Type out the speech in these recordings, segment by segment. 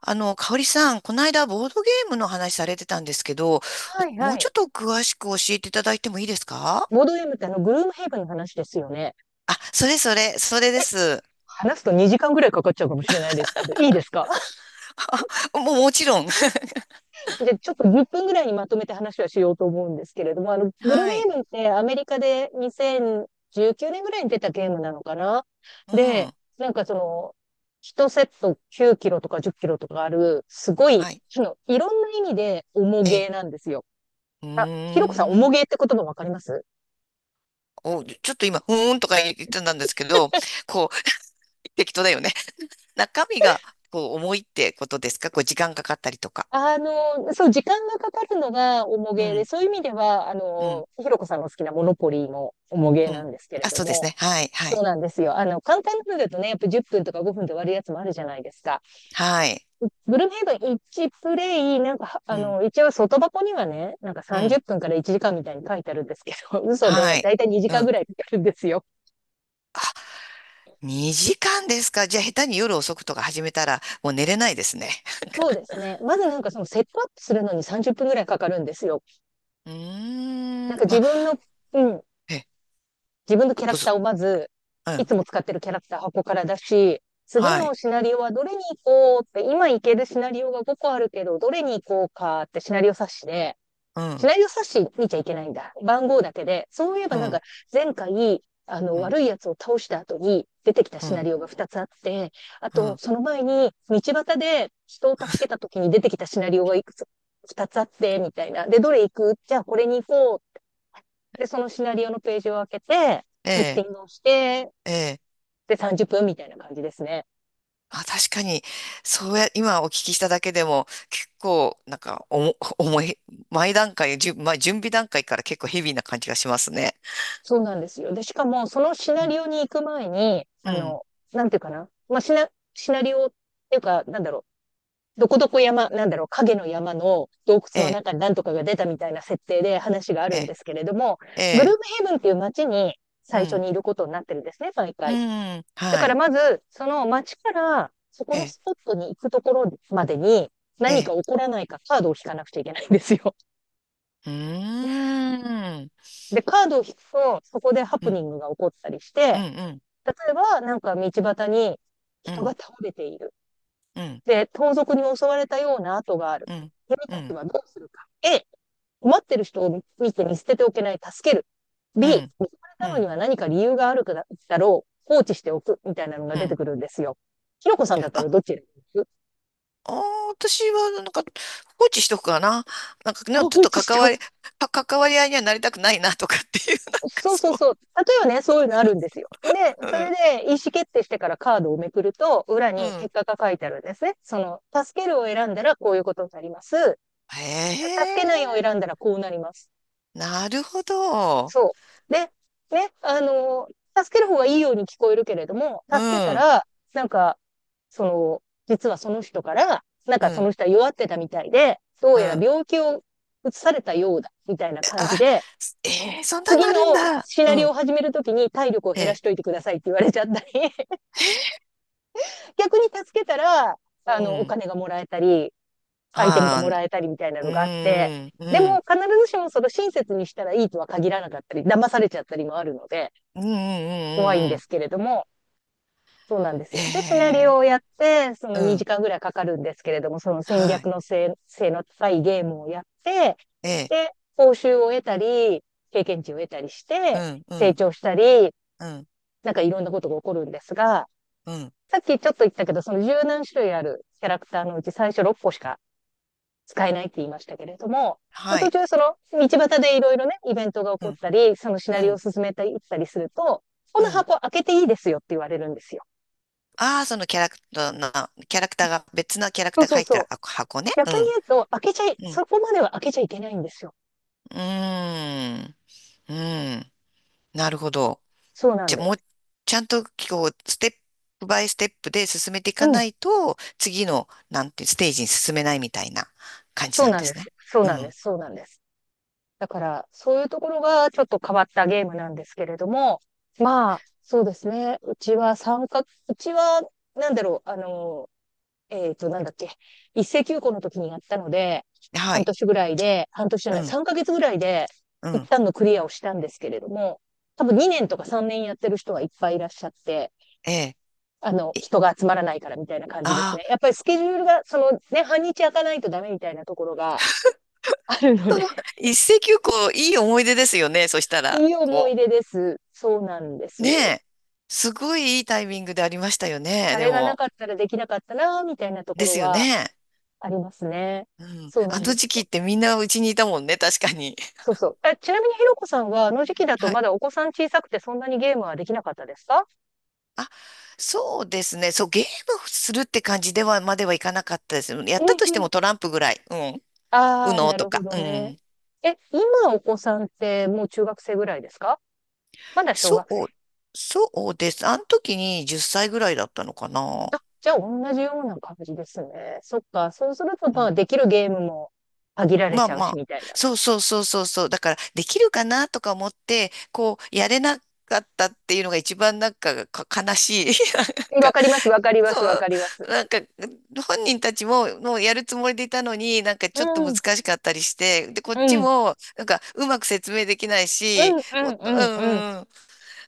香織さん、この間ボードゲームの話されてたんですけど、はいもはうちい。ょっと詳しく教えていただいてもいいですか？ボードゲームってグルームヘイブンの話ですよね。あ、それそれ、それです。話すと2時間ぐらいかかっちゃうかもしれないですけど、いいですか？ もうもちろん。じゃあちょっと10分ぐらいにまとめて話はしようと思うんですけれども、グルームはヘい。イブンってアメリカで2019年ぐらいに出たゲームなのかな。うで、ん。なんかその、1セット9キロとか10キロとかある、すごい、はい。いろんな意味で重えゲえ。ーなんですよ。うーあ、ひろこさん、重ん。ゲーって言葉わかります？お、ちょっと今、うーんとか言ってたんですけど、こう、適当だよね。中身が、こう、重いってことですか？こう、時間かかったりとか。そう、時間がかかるのが重うげで、ん。そういう意味では、うん。ひろこさんの好きなモノポリーも重げうなん。んですけれあ、どそうですも、ね。はい。はそい。うなんですよ。簡単なのだとね、やっぱ10分とか5分で終わるやつもあるじゃないですか。はい。ブルームヘイブン1プレイ、なんか、うん。一応外箱にはね、なんかう30ん。分から1時間みたいに書いてあるんですけど、嘘はで、だい。いたい2う時間ぐん。らいかかるんですよ。2時間ですか。じゃあ、下手に夜遅くとか始めたら、もう寝れないですね。そうですね。まずなんかそのセットアップするのに30分ぐらいかかるんですよ。うーなんん。かま自あ、分の、うん、え、自分のキあャラとクターず、をまず、ういん。つも使ってるキャラクター箱から出し、次はい。のシナリオはどれに行こうって、今行けるシナリオが5個あるけど、どれに行こうかってシナリオ冊子で、うシん。ナリオ冊子見ちゃいけないんだ。番号だけで。そういえばうなんか、ん。前回、うん。悪いやつを倒した後に出てきたうシナん。リオが2つあって、あうと、ん。その前に、道端で人を助けた時に出てきたシナリオがいくつ、2つあって、みたいな。で、どれ行く？じゃあこれに行こう。で、そのシナリオのページを開けて、えセッテえ。ィングをして、ええ。で、30分みたいな感じですね。あ、確かに、そうや、今お聞きしただけでも、結構、なんか、おも、重い、前段階、じゅ、まあ、準備段階から結構ヘビーな感じがしますね。そうなんですよ。で、しかも、そのシうナん。リオに行く前に、うん。なんていうかな。まあ、シナリオっていうか、なんだろう。どこどこ山、なんだろう、影の山の洞え窟のえ。中に何とかが出たみたいな設定で話があえるんえ。ですけれども、えグルーえ。ブヘブンっていう街にう最初ん。にいることになってるんですね、毎う回。ん。だはからい。まず、その街からそこえのえ。スポットに行くところまでにえ何か起え。こらないかカードを引かなくちゃいけないんですよ。うーん。で、カードを引くと、そこでハうプん。ニングが起こったりしうん。て、うん。例えばなんか道端にう人がん、倒れている。うん、で、盗賊に襲われたような跡がある。うん、君うたちん、はどうするか。A、困ってる人を見て見捨てておけない、助ける。う B、ん、見つかれうたのにん、は何か理由があるだろう、放置しておく、みたいなのがう出てん。くるんですよ。ひろこさんだったあ、らどっち選びます？あー、私は、なんか、放置しとくかな。なんかね、ちょっ落とちし関ちゃわう。り、か関わり合いにはなりたくないなとかっていう、なんかそうそうそそう。例えばね、そういうのあるんですよ。で、それう。で意思決定してからカードをめくると、裏うにん、う結ん。果が書いてあるんですね。その、助けるを選んだらこういうことになります。へ助けないえ、を選んだらこうなります。なるほど。そう。で、ね、助ける方がいいように聞こえるけれども、う助けたん、うん、ら、なんか、その、実はその人から、なんうかそのん。人は弱ってたみたいで、どうやらあ、病気を移されたようだ、みたいな感じで、えー、そんなの次あのるんだ。シうナリオをん、始めるときに体力をえ減らしえ、といてくださいって言われちゃったり、逆に助けたら、うおん。金がもらえたり、アイテムがもああ、らえたりみたいなうのがあって、ん、うでもん、必ずしもその親切にしたらいいとは限らなかったり、騙されちゃったりもあるので、うん、うん、う怖いんん、うん。うでん。すけれども、そうなんですえよ。で、シナリオえ、をやって、そのう2ん、時間ぐらいかかるんですけれども、その戦は略い。の性性の高いゲームをやって、ええ。で、報酬を得たり、経験値を得たりしうて、ん、う成ん、長したり、うん、なんかいろんなことが起こるんですが、うん。さっきちょっと言ったけど、その十何種類あるキャラクターのうち最初6個しか使えないって言いましたけれども、まあ、は途い。中その道端でいろいろね、イベントが起うこっん、たり、そのシうナリオをん、進めていったりすると、こうのん。箱開けていいですよって言われるんですよ。ああ、そのキャラクターな、キャラクターが、別なキャラクそうターがそう入ってそるう。箱ね。う逆にん、言うと、開けちゃい、うん。そこまでは開けちゃいけないんですよ。うーん、うん。なるほど。そうなじんゃあ、でもう、す。ちゃんと、こう、ステップバイステップで進めていうかん。ないと、次の、なんて、ステージに進めないみたいな感じそなうんなでんですす。ね。そううなんでん。す。そうなんです。だから、そういうところがちょっと変わったゲームなんですけれども、まあ、そうですね。うちは、なんだろう、なんだっけ、一斉休校の時にやったので、は半い。年ぐらいで、半年じゃうない、ん、3ヶ月ぐらいで、う一ん。旦のクリアをしたんですけれども、多分2年とか3年やってる人はいっぱいいらっしゃって、ええ。人が集まらないからみたいな感じですあね。やあっー、ぱりスケジュールが、そのね、半日開かないとダメみたいなところがあるのそで。の、一石をこう、いい思い出ですよね。そしたら。いい思いこう、出です。そうなんですねよ。え、すごいいいタイミングでありましたよね、あでれがなも。かったらできなかったな、みたいなとこでろすよはね。ありますね。うん。そうなあんので時す期っよ。てみんなうちにいたもんね、確かに。そうそう。え、ちなみにひろこさんは、あの時期だ とはまい。だお子さん小さくてそんなにゲームはできなかったですか？あ、そうですね。そう、ゲームするって感じでは、まではいかなかったです。やっうんたとしうてもん。トランプぐらい。うん。ウああ、ノなとるほか。どうね。ん。え、今お子さんってもう中学生ぐらいですか？まだ小そ学生。う、そうです。あの時に10歳ぐらいだったのかな。あ、じゃあ同じような感じですね。そっか。そうすると、うまあ、ん。できるゲームも限られまあちゃうまし、あ、みたいな。そうそうそうそうそう。だから、できるかなとか思って、こう、やれなかったっていうのが一番なんか、か悲しい。なんわか、かります、わかります、わそかう、ります。なんか、本人たちも、もうやるつもりでいたのに、なんかうちょっとん。難しかったりして、で、こっちうん。も、なんか、うまく説明できないうし、んうもんっと、ううんうん。んうん、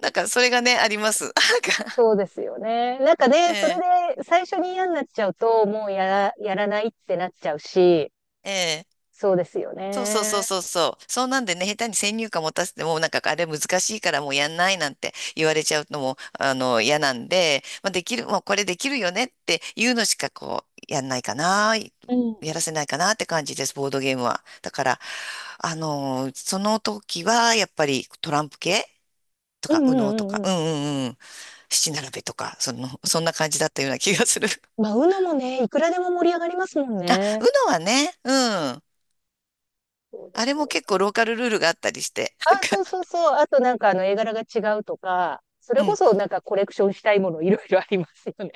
なんか、それがね、あります。なんか、そうですよね。なんかえね、それえ、で最初に嫌になっちゃうと、もうやら、やらないってなっちゃうし、ええ。そうですよそうそうそうね。そうそう。そうなんでね、下手に先入観持たせても、なんかあれ難しいからもうやんないなんて言われちゃうのも、嫌なんで、まあ、できる、もうこれできるよねっていうのしかこう、やんないかな、うん。やらせないかなって感じです、ボードゲームは。だから、その時はやっぱりトランプ系とうか、ん右う脳とんうんか、うん。うんうんうん、七並べとか、その、そんな感じだったような気がする。まあ、u n もね、いくらでも盛り上がりますもん あ、ね。UNO はね、うん。そうであれすもよ。結構ローカルルールがあったりして、なんあ、か、そうそうそう。あとなんかあの絵柄が違うとか、それうこん。そなんかコレクションしたいものいろいろありますよね。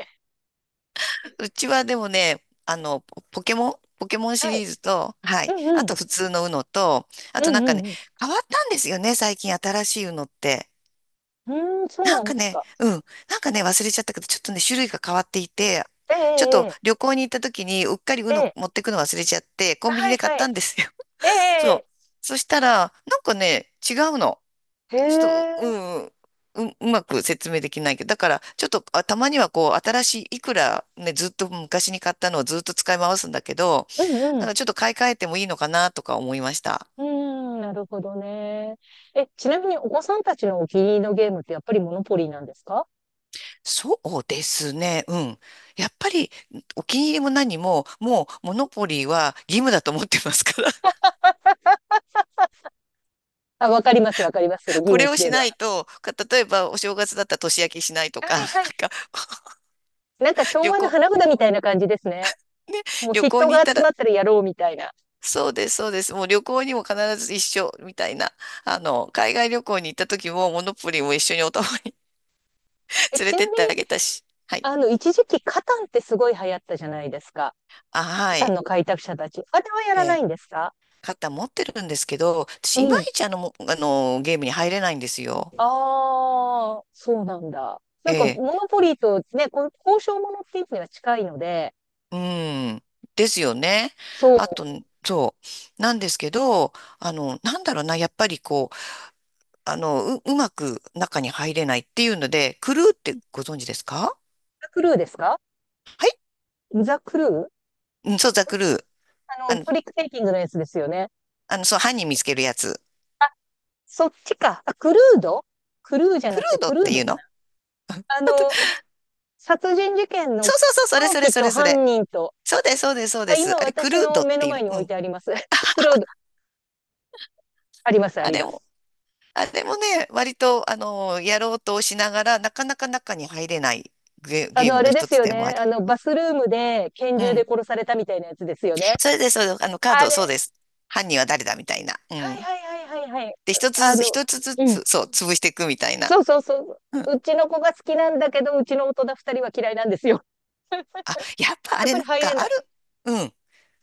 うちはでもね、ポケモンシはい。リーズと、はうい。んあうん。と普通の UNO と、あうとなんんうかね、んう変わったんですよね、最近新しい UNO って。ん。うーん、そうななんんかですね、か。うん。なんかね、忘れちゃったけど、ちょっとね、種類が変わっていて、ちょっえとええ旅行に行った時に、うっかり ええ UNO え。持ってくの忘れちゃって、コンビニはいで買っはたい。んですよ。え そう。えそしたら、なんかね、違うの。ええ。へちょっと、うえ。ん、うん、う、うまく説明できないけど、だから、ちょっと、あ、たまにはこう、新しい、いくらね、ずっと昔に買ったのをずっと使い回すんだけど、うんうなんん。かちょっと買い替えてもいいのかなとか思いました。うーん、なるほどね。え、ちなみにお子さんたちのお気に入りのゲームってやっぱりモノポリーなんですか？そうですね、うん。やっぱり、お気に入りも何も、もう、モノポリーは義務だと思ってますから、あ、わかります、わかります。その ゲーこムれっをていしうのなは。いと、か例えば、お正月だったら年明けしないとはか、ないんはい。か、なんか昭旅和の行、花札みたいな感じですね。ね、もう旅行人に行がった集まら、ったらやろうみたいな。そうです、そうです。もう旅行にも必ず一緒みたいな。海外旅行に行った時も、モノポリーも一緒にお互い え、連れちてっなみてあに、げたし。はい。一時期カタンってすごい流行ったじゃないですか。あ、はカタンい。の開拓者たち。あれはやえらなー、いんですか？肩持ってるんですけど、う私、いまん。いちゲームに入れないんですよ。ああ、そうなんだ。なんか、モえノポリーとね、こう交渉ものっていうのは近いので、ー、うん。ですよね。そう。あと、そう。なんですけど、なんだろうな、やっぱりこう、う、うまく中に入れないっていうので、クルーってご存知ですか？ザ・クルーですか？はい。ザ・クルー。うん、そう、ザ・クルー。あの、フリックテイキングのやつですよね。そう、犯人見つけるやつ。そっちか。あ、クルード。クルーじゃクなルくてードクっルーていドうかの？な。あの、殺人事件そのうそうそう、それ凶それ器そとれそ犯れ。人と。そうです、そうです、そうあ、です。今あれ、ク私ルーのドっ目のていう前の。にう置いん。てあります。クルード、あります、あありれまも、す。あれもね、割と、やろうとしながら、なかなか中に入れないゲ、ゲームあのれで一すつよでもあね。り。バスルームで拳う銃ん。で殺されたみたいなやつですよね。それで、そう、カーあド、そうれ、です。犯人は誰だみたいな。うはいん。はいはいはいはい。で、一あつずつ、の、一つずうん。つ、そう、潰していくみたいな。そうそうそうん。う。うちの子が好きなんだけど、うちの大人二人は嫌いなんですよ。あ、やっぱあやっれぱなりん入れかあない。る。うん。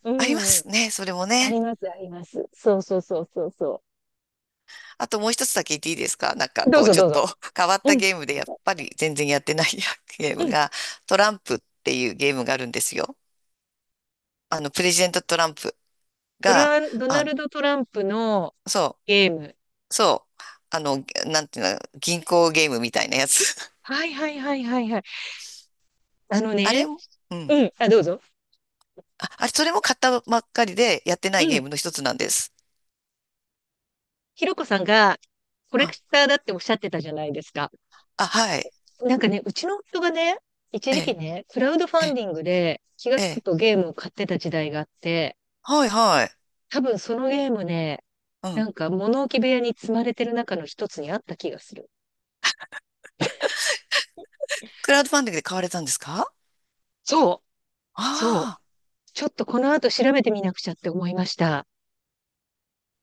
うありまん。すね、それもあね。ります、あります。そうそうそうそうそあともう一つだけ言っていいですか？なんう。かどうこうぞちょっどうぞ。と 変わっうたん、ゲームでやっぱり全然やってない ゲーうムん。がトランプっていうゲームがあるんですよ。あのプレジデントトランプが、ドナあ、ルド・トランプのそゲーム。う、そう、なんていうの、銀行ゲームみたいなやつ。はいはいはいはいはい。あの あれね、も、うん。うん、あ、どうぞ。あ、あれ、それも買ったばっかりでやってなういゲーん。ムの一つなんです。ひろこさんがコレクあ、ターだっておっしゃってたじゃないですか。あ、はい。なんかね、うちの夫がね、一え時期え、ね、クラウドファえンえ、ディングで気がえつくえ。とゲームを買ってた時代があって、はい、はい。多分そのゲームね、うなん。んか物置部屋に積まれてる中の一つにあった気がする。クラウドファンディングで買われたんですか？そう、そう。ああー。ちょっとこの後調べてみなくちゃって思いました。